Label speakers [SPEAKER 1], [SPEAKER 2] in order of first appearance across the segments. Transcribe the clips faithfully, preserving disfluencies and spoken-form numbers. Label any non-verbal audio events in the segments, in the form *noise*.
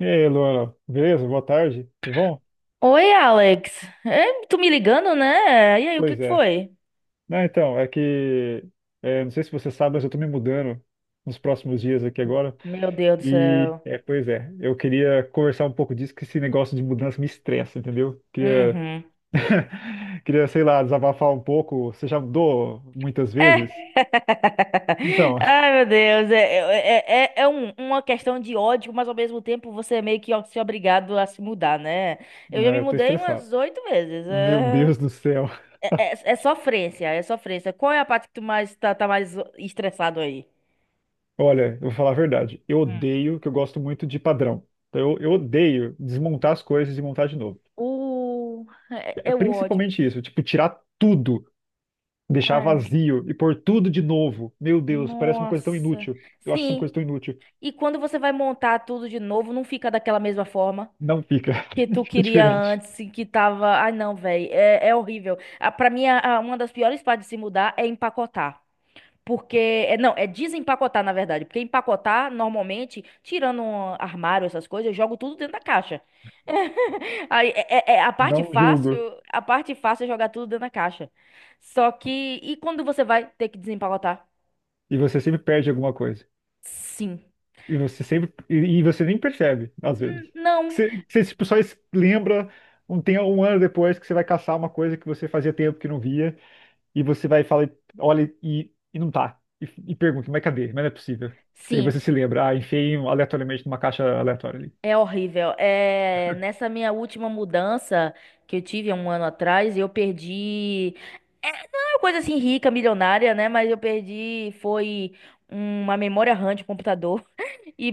[SPEAKER 1] E aí, Luana, beleza? Boa tarde. Tudo bom?
[SPEAKER 2] Oi, Alex. É, tu me ligando, né? E aí, o que
[SPEAKER 1] Pois
[SPEAKER 2] que
[SPEAKER 1] é.
[SPEAKER 2] foi?
[SPEAKER 1] Não, então, é que é, não sei se você sabe, mas eu tô me mudando nos próximos dias aqui agora.
[SPEAKER 2] Meu Deus do
[SPEAKER 1] E
[SPEAKER 2] céu.
[SPEAKER 1] é, pois é, eu queria conversar um pouco disso, que esse negócio de mudança me estressa, entendeu? Queria,
[SPEAKER 2] Uhum.
[SPEAKER 1] *laughs* queria, sei lá, desabafar um pouco. Você já mudou muitas
[SPEAKER 2] É.
[SPEAKER 1] vezes?
[SPEAKER 2] *laughs*
[SPEAKER 1] Então,
[SPEAKER 2] Ai, meu Deus. É, é, é, é é um- uma questão de ódio, mas ao mesmo tempo você é meio que ó- se é obrigado a se mudar, né? Eu já me
[SPEAKER 1] é, eu tô
[SPEAKER 2] mudei
[SPEAKER 1] estressado.
[SPEAKER 2] umas oito vezes.
[SPEAKER 1] Meu
[SPEAKER 2] É,
[SPEAKER 1] Deus do céu.
[SPEAKER 2] é, é, é sofrência, é sofrência. Qual é a parte que tu mais tá, tá mais estressado aí?
[SPEAKER 1] Olha, eu vou falar a verdade. Eu
[SPEAKER 2] Hum.
[SPEAKER 1] odeio, que eu gosto muito de padrão. Então, eu, eu odeio desmontar as coisas e montar de novo.
[SPEAKER 2] Uh, é,
[SPEAKER 1] É
[SPEAKER 2] é o ódio.
[SPEAKER 1] principalmente isso, tipo, tirar tudo, deixar
[SPEAKER 2] Ai,
[SPEAKER 1] vazio e pôr tudo de novo. Meu Deus, parece uma coisa tão
[SPEAKER 2] nossa.
[SPEAKER 1] inútil. Eu acho isso uma
[SPEAKER 2] Sim,
[SPEAKER 1] coisa tão inútil.
[SPEAKER 2] e quando você vai montar tudo de novo, não fica daquela mesma forma
[SPEAKER 1] Não fica.
[SPEAKER 2] que
[SPEAKER 1] *laughs*
[SPEAKER 2] tu
[SPEAKER 1] Fica
[SPEAKER 2] queria
[SPEAKER 1] diferente.
[SPEAKER 2] antes, e que tava. Ai, não, velho, é, é horrível. Ah, pra mim, a- a- uma das piores partes de se mudar é empacotar. Porque, é, não, é desempacotar, na verdade. Porque empacotar, normalmente, tirando um armário, essas coisas, eu jogo tudo dentro da caixa. *laughs* Aí, é, é- é a parte
[SPEAKER 1] Não julgo.
[SPEAKER 2] fácil, a parte fácil é jogar tudo dentro da caixa. Só que, e quando você vai ter que desempacotar?
[SPEAKER 1] E você sempre perde alguma coisa.
[SPEAKER 2] Sim.
[SPEAKER 1] E você sempre. E, e você nem percebe, às
[SPEAKER 2] Hum,
[SPEAKER 1] vezes.
[SPEAKER 2] não,
[SPEAKER 1] Você, você tipo, só es- lembra um, tem um ano depois que você vai caçar uma coisa que você fazia tempo que não via. E você vai falar, olha, e, e não tá. E, e pergunta, mas cadê? Mas não é possível. E aí
[SPEAKER 2] sim.
[SPEAKER 1] você se lembra, ah, enfiei um aleatoriamente numa caixa aleatória ali.
[SPEAKER 2] É horrível. É, nessa minha última mudança que eu tive há um ano atrás, eu perdi. É, não é uma coisa assim rica, milionária, né? Mas eu perdi. Foi uma memória RAM de computador *laughs* e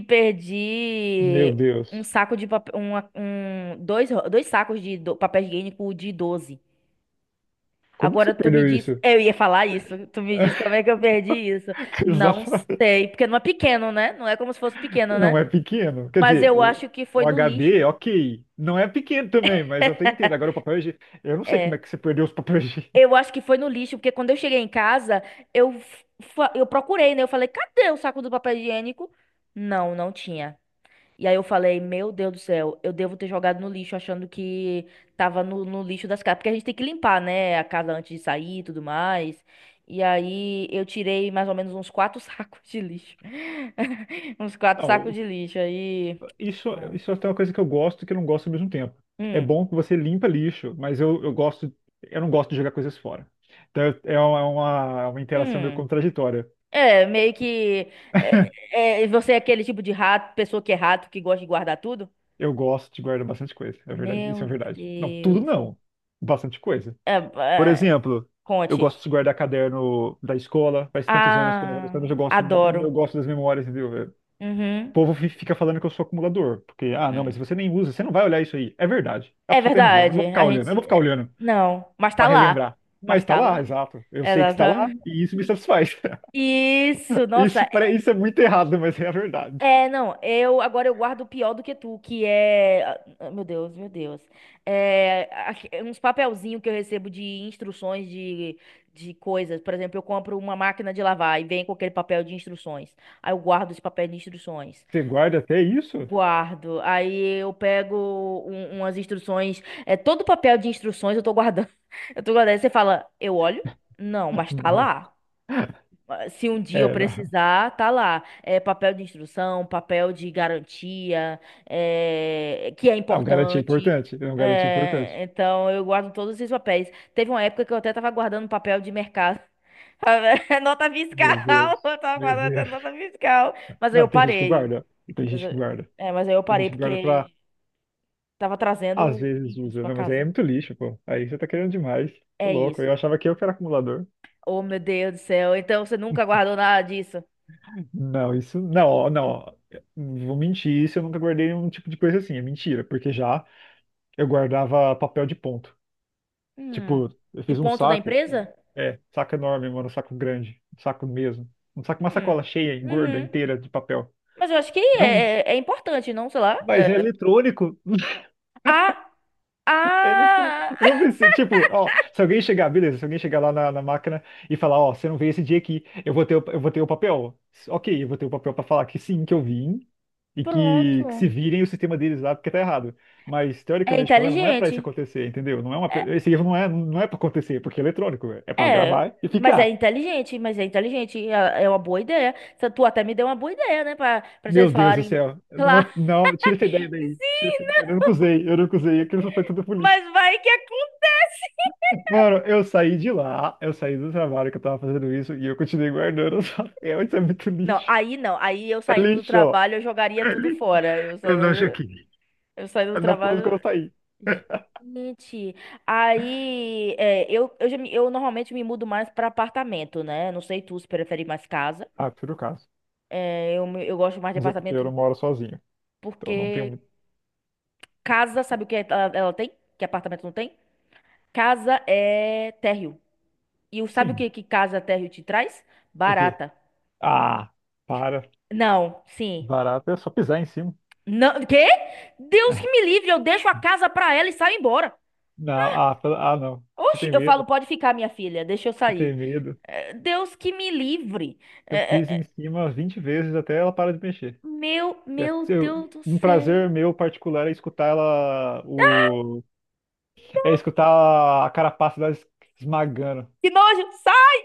[SPEAKER 1] Meu
[SPEAKER 2] perdi um
[SPEAKER 1] Deus.
[SPEAKER 2] saco de papel. Uma, um, dois, dois sacos de do, papel higiênico de doze.
[SPEAKER 1] Como que você
[SPEAKER 2] Agora tu me
[SPEAKER 1] perdeu
[SPEAKER 2] diz.
[SPEAKER 1] isso?
[SPEAKER 2] Eu ia falar isso. Tu me diz como
[SPEAKER 1] *laughs*
[SPEAKER 2] é que eu perdi isso. Não
[SPEAKER 1] Exatamente.
[SPEAKER 2] sei. Porque não é pequeno, né? Não é como se fosse pequeno, né?
[SPEAKER 1] Não é pequeno. Quer
[SPEAKER 2] Mas
[SPEAKER 1] dizer,
[SPEAKER 2] eu
[SPEAKER 1] o,
[SPEAKER 2] acho que foi
[SPEAKER 1] o
[SPEAKER 2] no lixo.
[SPEAKER 1] H D, ok. Não é pequeno também, mas eu
[SPEAKER 2] *laughs*
[SPEAKER 1] até entendo. Agora o papel higiênico. Eu não sei como é
[SPEAKER 2] É,
[SPEAKER 1] que você perdeu os papéis
[SPEAKER 2] eu
[SPEAKER 1] higiênicos.
[SPEAKER 2] acho que foi no lixo, porque quando eu cheguei em casa, eu, fa- eu procurei, né? Eu falei, cadê o saco do papel higiênico? Não, não tinha. E aí eu falei, meu Deus do céu, eu devo ter jogado no lixo achando que tava no, no lixo das casas. Porque a gente tem que limpar, né? A casa antes de sair e tudo mais. E aí eu tirei mais ou menos uns quatro *laughs* sacos de lixo. *laughs* Uns
[SPEAKER 1] *laughs*
[SPEAKER 2] quatro sacos
[SPEAKER 1] Não,
[SPEAKER 2] de lixo. Aí.
[SPEAKER 1] isso, isso é até uma coisa que eu gosto e que eu não gosto ao mesmo tempo. É
[SPEAKER 2] Hum.
[SPEAKER 1] bom que você limpa lixo, mas eu, eu gosto. Eu não gosto de jogar coisas fora. Então é uma, é uma, é uma interação meio
[SPEAKER 2] Hum.
[SPEAKER 1] contraditória.
[SPEAKER 2] É, meio que. É, é, você é aquele tipo de rato, pessoa que é rato, que gosta de guardar tudo?
[SPEAKER 1] Eu gosto de guardar bastante coisa. É verdade. Isso
[SPEAKER 2] Meu
[SPEAKER 1] é verdade. Não, tudo
[SPEAKER 2] Deus.
[SPEAKER 1] não. Bastante coisa.
[SPEAKER 2] É,
[SPEAKER 1] Por
[SPEAKER 2] é,
[SPEAKER 1] exemplo, eu
[SPEAKER 2] conte.
[SPEAKER 1] gosto de guardar caderno da escola, faz tantos anos que eu não vou na
[SPEAKER 2] Ah,
[SPEAKER 1] escola, mas eu gosto, eu
[SPEAKER 2] adoro.
[SPEAKER 1] gosto das memórias, entendeu? É, O
[SPEAKER 2] Uhum.
[SPEAKER 1] povo fi- fica falando que eu sou acumulador, porque, ah, não, mas você nem usa, você não vai olhar isso aí. É verdade, a
[SPEAKER 2] É
[SPEAKER 1] pessoa tem razão, eu não vou
[SPEAKER 2] verdade.
[SPEAKER 1] ficar
[SPEAKER 2] A
[SPEAKER 1] olhando, eu não
[SPEAKER 2] gente,
[SPEAKER 1] vou ficar
[SPEAKER 2] é,
[SPEAKER 1] olhando
[SPEAKER 2] não, mas
[SPEAKER 1] pra
[SPEAKER 2] tá lá.
[SPEAKER 1] relembrar.
[SPEAKER 2] Mas
[SPEAKER 1] Mas tá
[SPEAKER 2] tá
[SPEAKER 1] lá,
[SPEAKER 2] lá.
[SPEAKER 1] exato, eu sei que está lá
[SPEAKER 2] Exatamente.
[SPEAKER 1] e isso me satisfaz. *laughs*
[SPEAKER 2] Isso,
[SPEAKER 1] Isso,
[SPEAKER 2] nossa.
[SPEAKER 1] pare- isso é muito errado, mas é a verdade.
[SPEAKER 2] É, não, eu agora eu guardo o pior do que tu, que é, ah, ah, meu Deus, meu Deus. É, aque- uns papelzinhos que eu recebo de instruções de, de coisas. Por exemplo, eu compro uma máquina de lavar e vem com aquele papel de instruções. Aí eu guardo esse papel de instruções.
[SPEAKER 1] Você guarda até isso?
[SPEAKER 2] Guardo. Aí eu pego um- umas instruções, é todo papel de instruções eu tô guardando. *laughs* Eu tô guardando. Aí você fala, eu olho? Não,
[SPEAKER 1] *laughs*
[SPEAKER 2] mas tá
[SPEAKER 1] Não.
[SPEAKER 2] lá. Se um dia eu
[SPEAKER 1] É, não.
[SPEAKER 2] precisar, tá lá. É papel de instrução, papel de garantia, é, que é
[SPEAKER 1] Ah, um garantia
[SPEAKER 2] importante.
[SPEAKER 1] importante, é um garantia importante.
[SPEAKER 2] É, então eu guardo todos esses papéis. Teve uma época que eu até tava guardando papel de mercado. *laughs* Nota
[SPEAKER 1] Meu
[SPEAKER 2] fiscal,
[SPEAKER 1] Deus,
[SPEAKER 2] eu tava
[SPEAKER 1] meu
[SPEAKER 2] guardando até
[SPEAKER 1] Deus.
[SPEAKER 2] nota fiscal. Mas aí
[SPEAKER 1] Não,
[SPEAKER 2] eu
[SPEAKER 1] tem gente que
[SPEAKER 2] parei.
[SPEAKER 1] guarda. Tem
[SPEAKER 2] Mas,
[SPEAKER 1] gente que
[SPEAKER 2] eu-
[SPEAKER 1] guarda.
[SPEAKER 2] é, mas aí eu
[SPEAKER 1] Tem
[SPEAKER 2] parei
[SPEAKER 1] gente que guarda pra,
[SPEAKER 2] porque tava
[SPEAKER 1] às
[SPEAKER 2] trazendo
[SPEAKER 1] vezes,
[SPEAKER 2] bichos
[SPEAKER 1] usa.
[SPEAKER 2] pra
[SPEAKER 1] Não, mas aí é
[SPEAKER 2] casa.
[SPEAKER 1] muito lixo, pô. Aí você tá querendo demais. Tô
[SPEAKER 2] É
[SPEAKER 1] louco. Eu
[SPEAKER 2] isso.
[SPEAKER 1] achava que eu que era acumulador.
[SPEAKER 2] Oh, meu Deus do céu. Então você nunca guardou nada disso?
[SPEAKER 1] Não, isso. Não, ó, não. Ó. Vou mentir, isso eu nunca guardei um tipo de coisa assim. É mentira, porque já eu guardava papel de ponto.
[SPEAKER 2] Hum.
[SPEAKER 1] Tipo, eu
[SPEAKER 2] De
[SPEAKER 1] fiz um
[SPEAKER 2] ponto da
[SPEAKER 1] saco.
[SPEAKER 2] empresa?
[SPEAKER 1] É, saco enorme, mano. Um saco grande. Um saco mesmo. Um saco, uma sacola
[SPEAKER 2] Hum.
[SPEAKER 1] cheia, gorda,
[SPEAKER 2] Uhum.
[SPEAKER 1] inteira de papel.
[SPEAKER 2] Mas eu acho que
[SPEAKER 1] Não,
[SPEAKER 2] é, é é importante, não? Sei lá.
[SPEAKER 1] mas é
[SPEAKER 2] É.
[SPEAKER 1] eletrônico.
[SPEAKER 2] Ah,
[SPEAKER 1] Ele entrou.
[SPEAKER 2] ah,
[SPEAKER 1] Eu não pensei, tipo, ó, se alguém chegar, beleza, se alguém chegar lá na, na máquina e falar, ó, você não veio esse dia aqui, eu vou ter, o- eu vou ter o papel. Ok, eu vou ter o papel pra falar que sim, que eu vim e que, que
[SPEAKER 2] pronto.
[SPEAKER 1] se virem o sistema deles lá porque tá errado. Mas,
[SPEAKER 2] É
[SPEAKER 1] teoricamente falando, não é pra isso
[SPEAKER 2] inteligente.
[SPEAKER 1] acontecer, entendeu? Não é uma,
[SPEAKER 2] É,
[SPEAKER 1] pe- esse erro não é, não é pra acontecer, porque é eletrônico, velho. É pra
[SPEAKER 2] é,
[SPEAKER 1] gravar e
[SPEAKER 2] mas é
[SPEAKER 1] ficar.
[SPEAKER 2] inteligente, mas é inteligente. É, é uma boa ideia. Você- Tu até me deu uma boa ideia, né? Pra, pra vocês
[SPEAKER 1] Meu Deus do
[SPEAKER 2] falarem.
[SPEAKER 1] céu, não,
[SPEAKER 2] Claro.
[SPEAKER 1] não, tira essa ideia
[SPEAKER 2] *laughs*
[SPEAKER 1] daí. Tira, essa-
[SPEAKER 2] Sim,
[SPEAKER 1] eu nunca
[SPEAKER 2] não,
[SPEAKER 1] usei, eu nunca usei, aquilo foi tudo pro
[SPEAKER 2] mas
[SPEAKER 1] lixo.
[SPEAKER 2] vai que acontece.
[SPEAKER 1] Mano, eu saí de lá, eu saí do trabalho que eu tava fazendo isso e eu continuei guardando *laughs* os papel. Isso é muito
[SPEAKER 2] Não,
[SPEAKER 1] lixo.
[SPEAKER 2] aí não. Aí eu
[SPEAKER 1] É
[SPEAKER 2] saindo do
[SPEAKER 1] lixo, ó.
[SPEAKER 2] trabalho, eu jogaria
[SPEAKER 1] É
[SPEAKER 2] tudo
[SPEAKER 1] lixo.
[SPEAKER 2] fora. Eu
[SPEAKER 1] Eu não
[SPEAKER 2] saindo,
[SPEAKER 1] joguei.
[SPEAKER 2] eu saindo do
[SPEAKER 1] Não foi que
[SPEAKER 2] trabalho.
[SPEAKER 1] eu saí. *laughs*
[SPEAKER 2] Gente, aí é, eu, eu, já me- eu normalmente me mudo mais para apartamento, né? Não sei tu se prefere mais casa.
[SPEAKER 1] Ah, por acaso.
[SPEAKER 2] É, eu, me- eu gosto mais de
[SPEAKER 1] Mas é porque eu
[SPEAKER 2] apartamento
[SPEAKER 1] não moro sozinho. Então não tenho
[SPEAKER 2] porque
[SPEAKER 1] muito.
[SPEAKER 2] casa, sabe o que é, ela, ela tem? Que apartamento não tem? Casa é térreo. E o- sabe o
[SPEAKER 1] Sim.
[SPEAKER 2] que, que casa térreo te traz?
[SPEAKER 1] O quê?
[SPEAKER 2] Barata.
[SPEAKER 1] Ah, para.
[SPEAKER 2] Não, sim.
[SPEAKER 1] Barato é só pisar em cima.
[SPEAKER 2] Não, quê? Deus que me
[SPEAKER 1] *laughs*
[SPEAKER 2] livre, eu deixo a casa pra ela e saio embora.
[SPEAKER 1] Não, ah, pela- ah, não. Você
[SPEAKER 2] Oxe,
[SPEAKER 1] tem
[SPEAKER 2] eu falo,
[SPEAKER 1] medo?
[SPEAKER 2] pode ficar, minha filha, deixa eu
[SPEAKER 1] Você
[SPEAKER 2] sair.
[SPEAKER 1] tem medo?
[SPEAKER 2] É, Deus que me livre.
[SPEAKER 1] Eu piso
[SPEAKER 2] É,
[SPEAKER 1] em
[SPEAKER 2] é,
[SPEAKER 1] cima vinte vezes até ela para de mexer.
[SPEAKER 2] Meu,
[SPEAKER 1] É,
[SPEAKER 2] meu
[SPEAKER 1] eu-
[SPEAKER 2] Deus do
[SPEAKER 1] um prazer
[SPEAKER 2] céu.
[SPEAKER 1] meu particular é escutar ela, o, é escutar a carapaça delas esmagando.
[SPEAKER 2] Que nojo, sai!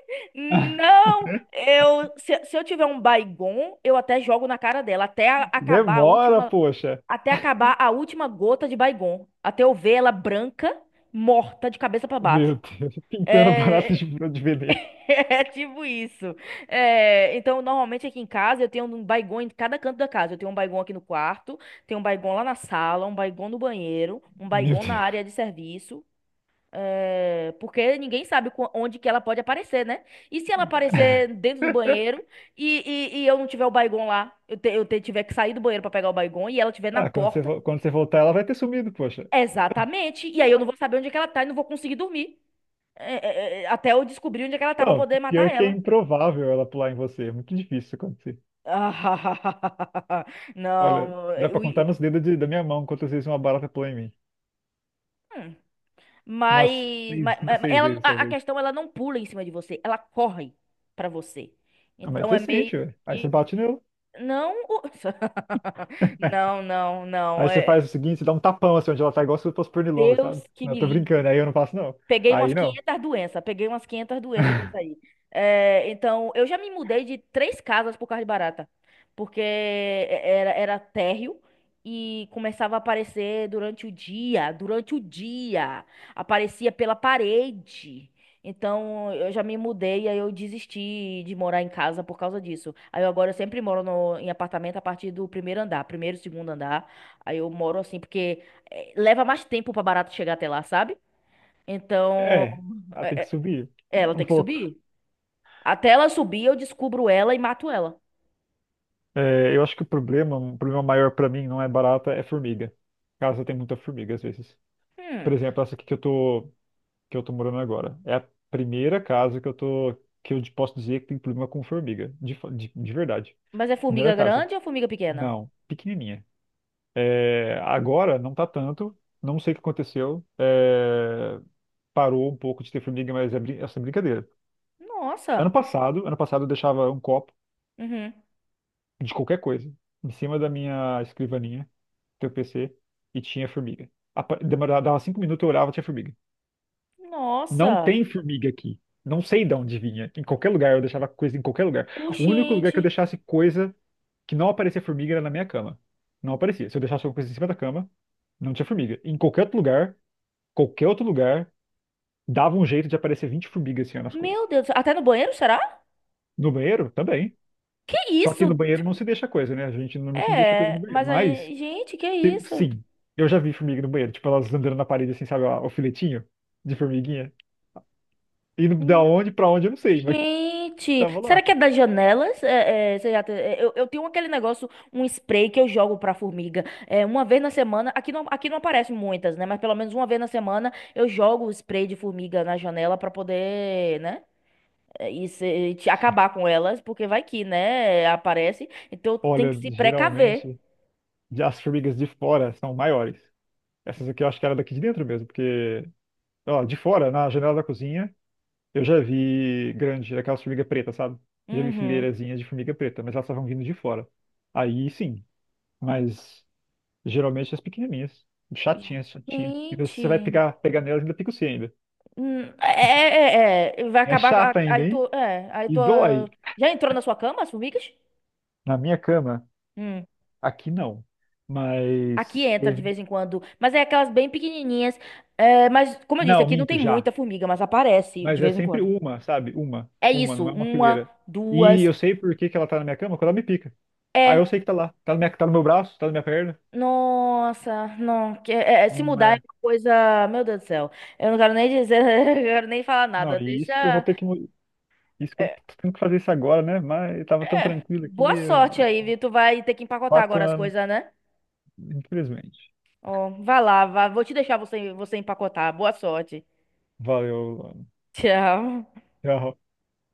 [SPEAKER 1] *laughs*
[SPEAKER 2] Não, eu se, se eu tiver um Baygon, eu até jogo na cara dela até a- acabar a
[SPEAKER 1] Demora,
[SPEAKER 2] última,
[SPEAKER 1] poxa.
[SPEAKER 2] até acabar a última gota de Baygon, até eu ver ela branca, morta de cabeça pra
[SPEAKER 1] Meu
[SPEAKER 2] baixo.
[SPEAKER 1] Deus, *laughs* pintando barata de,
[SPEAKER 2] É,
[SPEAKER 1] de veneno.
[SPEAKER 2] *laughs* é tipo isso. É, então, normalmente aqui em casa eu tenho um Baygon em cada canto da casa. Eu tenho um Baygon aqui no quarto, tenho um Baygon lá na sala, um Baygon no banheiro, um
[SPEAKER 1] Meu
[SPEAKER 2] Baygon na
[SPEAKER 1] Deus.
[SPEAKER 2] área de
[SPEAKER 1] *laughs*
[SPEAKER 2] serviço. É, porque ninguém sabe qu- onde que ela pode aparecer, né? E se ela aparecer dentro do banheiro e, e, e eu não tiver o Baygon lá, eu, te- eu te- tiver que sair do banheiro pra pegar o Baygon e ela estiver na
[SPEAKER 1] Ah, quando você,
[SPEAKER 2] porta,
[SPEAKER 1] vo- quando você voltar, ela vai ter sumido, poxa.
[SPEAKER 2] exatamente. E aí eu não vou saber onde é que ela tá e não vou conseguir dormir. É, é, é, é, até eu descobrir onde é que ela tá pra
[SPEAKER 1] Não,
[SPEAKER 2] poder
[SPEAKER 1] pior
[SPEAKER 2] matar
[SPEAKER 1] que é
[SPEAKER 2] ela.
[SPEAKER 1] improvável ela pular em você. É muito difícil isso acontecer.
[SPEAKER 2] Ah, *laughs*
[SPEAKER 1] Olha,
[SPEAKER 2] não,
[SPEAKER 1] dá
[SPEAKER 2] é,
[SPEAKER 1] pra
[SPEAKER 2] eu,
[SPEAKER 1] contar nos dedos de- da minha mão quantas vezes uma barata pulou em mim.
[SPEAKER 2] hum.
[SPEAKER 1] Umas
[SPEAKER 2] mas,
[SPEAKER 1] seis,
[SPEAKER 2] mas,
[SPEAKER 1] cinco,
[SPEAKER 2] mas
[SPEAKER 1] seis
[SPEAKER 2] ela,
[SPEAKER 1] vezes,
[SPEAKER 2] a, a
[SPEAKER 1] talvez.
[SPEAKER 2] questão, ela não pula em cima de você, ela corre pra você.
[SPEAKER 1] Ah, mas
[SPEAKER 2] Então
[SPEAKER 1] você
[SPEAKER 2] é
[SPEAKER 1] sente,
[SPEAKER 2] meio
[SPEAKER 1] velho. Aí você
[SPEAKER 2] que.
[SPEAKER 1] bate nela.
[SPEAKER 2] Não, o- *laughs* não, não, não.
[SPEAKER 1] Aí você faz
[SPEAKER 2] É,
[SPEAKER 1] o seguinte, você dá um tapão assim onde ela tá, igual se fosse pernilongo,
[SPEAKER 2] Deus
[SPEAKER 1] sabe?
[SPEAKER 2] que
[SPEAKER 1] Não, eu
[SPEAKER 2] me
[SPEAKER 1] tô
[SPEAKER 2] livre.
[SPEAKER 1] brincando, aí eu não faço, não.
[SPEAKER 2] Peguei umas
[SPEAKER 1] Aí não.
[SPEAKER 2] quinhentas doenças, peguei umas quinhentas doenças que isso aí. É, então, eu já me mudei de três casas por causa de barata, porque era, era térreo e começava a aparecer durante o dia, durante o dia, aparecia pela parede. Então, eu já me mudei, aí eu desisti de morar em casa por causa disso. Aí eu agora eu sempre moro no- em apartamento a partir do primeiro andar, primeiro, segundo andar. Aí eu moro assim, porque eh, leva mais tempo pra barata chegar até lá, sabe? Então,
[SPEAKER 1] É, ela tem
[SPEAKER 2] é-
[SPEAKER 1] que
[SPEAKER 2] é-
[SPEAKER 1] subir
[SPEAKER 2] ela
[SPEAKER 1] um
[SPEAKER 2] tem que
[SPEAKER 1] pouco.
[SPEAKER 2] subir. Até ela subir, eu descubro ela e mato ela.
[SPEAKER 1] É, eu acho que o problema, um problema maior pra mim não é barata, é formiga. Casa tem muita formiga às vezes. Por
[SPEAKER 2] Hum,
[SPEAKER 1] exemplo, essa aqui que eu tô que eu tô morando agora. É a primeira casa que eu tô que eu posso dizer que tem problema com formiga, de, fa- de, de verdade.
[SPEAKER 2] mas é
[SPEAKER 1] Primeira
[SPEAKER 2] formiga
[SPEAKER 1] casa.
[SPEAKER 2] grande ou formiga pequena?
[SPEAKER 1] Não, pequenininha. É, agora não tá tanto, não sei o que aconteceu. É, parou um pouco de ter formiga, mas é brin- essa é brincadeira.
[SPEAKER 2] Nossa.
[SPEAKER 1] Ano passado, ano passado eu deixava um copo
[SPEAKER 2] Uhum.
[SPEAKER 1] de qualquer coisa, em cima da minha escrivaninha, teu P C, e tinha formiga. Apa- Demorava, dava cinco minutos, eu olhava, tinha formiga. Não
[SPEAKER 2] Nossa.
[SPEAKER 1] tem formiga aqui. Não sei de onde vinha. Em qualquer lugar, eu deixava coisa em qualquer lugar. O único lugar que eu
[SPEAKER 2] Oxente.
[SPEAKER 1] deixasse coisa que não aparecia formiga era na minha cama. Não aparecia. Se eu deixasse alguma coisa em cima da cama, não tinha formiga. Em qualquer outro lugar, qualquer outro lugar, dava um jeito de aparecer vinte formigas assim ó, nas coisas.
[SPEAKER 2] Meu Deus. Até no banheiro, será?
[SPEAKER 1] No banheiro, também.
[SPEAKER 2] Que
[SPEAKER 1] Só que no
[SPEAKER 2] isso?
[SPEAKER 1] banheiro não se deixa coisa, né? A gente normalmente não deixa coisa no
[SPEAKER 2] É,
[SPEAKER 1] banheiro.
[SPEAKER 2] mas
[SPEAKER 1] Mas
[SPEAKER 2] aí, gente, que
[SPEAKER 1] sim,
[SPEAKER 2] isso?
[SPEAKER 1] sim, eu já vi formiga no banheiro, tipo, elas andando na parede assim, sabe, ó, o filetinho de formiguinha. E no- da
[SPEAKER 2] Hum.
[SPEAKER 1] onde pra onde eu não sei, mas *laughs*
[SPEAKER 2] Gente,
[SPEAKER 1] tava
[SPEAKER 2] será
[SPEAKER 1] lá.
[SPEAKER 2] que é das janelas? É, é, você já te- é, eu, eu tenho aquele negócio, um spray que eu jogo pra formiga. É, uma vez na semana, aqui não, aqui não aparecem muitas, né? Mas pelo menos uma vez na semana eu jogo o spray de formiga na janela pra poder, né? É, E se- te- acabar com elas, porque vai que, né? Aparece. Então tem
[SPEAKER 1] Olha,
[SPEAKER 2] que se precaver.
[SPEAKER 1] geralmente as formigas de fora são maiores. Essas aqui eu acho que era daqui de dentro mesmo, porque, ó, de fora, na janela da cozinha, eu já vi grande, aquelas formigas pretas, sabe? Já vi
[SPEAKER 2] Uhum.
[SPEAKER 1] fileirazinhas de formiga preta, mas elas estavam vindo de fora. Aí sim, mas geralmente as pequenininhas, chatinhas, chatinhas. Ainda se você vai
[SPEAKER 2] Gente,
[SPEAKER 1] pegar, pegar nelas, ainda pica o C ainda.
[SPEAKER 2] hum, é, é, é, é, vai
[SPEAKER 1] É
[SPEAKER 2] acabar.
[SPEAKER 1] chata
[SPEAKER 2] a-
[SPEAKER 1] ainda,
[SPEAKER 2] Aí
[SPEAKER 1] hein?
[SPEAKER 2] tu, é, aí
[SPEAKER 1] E
[SPEAKER 2] tu
[SPEAKER 1] dói
[SPEAKER 2] ah, já entrou na sua cama as formigas?
[SPEAKER 1] na minha cama.
[SPEAKER 2] Hum.
[SPEAKER 1] Aqui não.
[SPEAKER 2] Aqui
[SPEAKER 1] Mas.
[SPEAKER 2] entra de
[SPEAKER 1] teve-
[SPEAKER 2] vez em quando, mas é aquelas bem pequenininhas. É, mas, como eu disse,
[SPEAKER 1] Não,
[SPEAKER 2] aqui não
[SPEAKER 1] minto
[SPEAKER 2] tem muita
[SPEAKER 1] já.
[SPEAKER 2] formiga, mas aparece de
[SPEAKER 1] Mas é
[SPEAKER 2] vez em
[SPEAKER 1] sempre
[SPEAKER 2] quando.
[SPEAKER 1] uma, sabe? Uma.
[SPEAKER 2] É
[SPEAKER 1] Uma,
[SPEAKER 2] isso,
[SPEAKER 1] não é uma
[SPEAKER 2] uma,
[SPEAKER 1] fileira. E
[SPEAKER 2] duas.
[SPEAKER 1] eu sei por que que ela tá na minha cama quando ela me pica. Aí eu
[SPEAKER 2] É,
[SPEAKER 1] sei que tá lá. Tá, na minha, tá no meu braço, tá na minha perna.
[SPEAKER 2] nossa, não. que- é- é, se
[SPEAKER 1] Não,
[SPEAKER 2] mudar é
[SPEAKER 1] é-
[SPEAKER 2] uma coisa. Meu Deus do céu. Eu não quero nem dizer, *laughs* eu não quero nem falar
[SPEAKER 1] não,
[SPEAKER 2] nada.
[SPEAKER 1] e isso que eu vou
[SPEAKER 2] Deixa.
[SPEAKER 1] ter que. mu- Isso que eu
[SPEAKER 2] é,
[SPEAKER 1] tô tendo que fazer isso agora, né? Mas eu tava tão tranquilo
[SPEAKER 2] Boa
[SPEAKER 1] aqui.
[SPEAKER 2] sorte
[SPEAKER 1] eh,
[SPEAKER 2] aí, viu? Tu vai ter que empacotar
[SPEAKER 1] Quatro
[SPEAKER 2] agora as
[SPEAKER 1] anos,
[SPEAKER 2] coisas, né?
[SPEAKER 1] infelizmente.
[SPEAKER 2] Ó, vai lá, vá, vou te deixar você, você empacotar. Boa sorte.
[SPEAKER 1] Valeu, Luana.
[SPEAKER 2] *laughs* Tchau.
[SPEAKER 1] Tchau.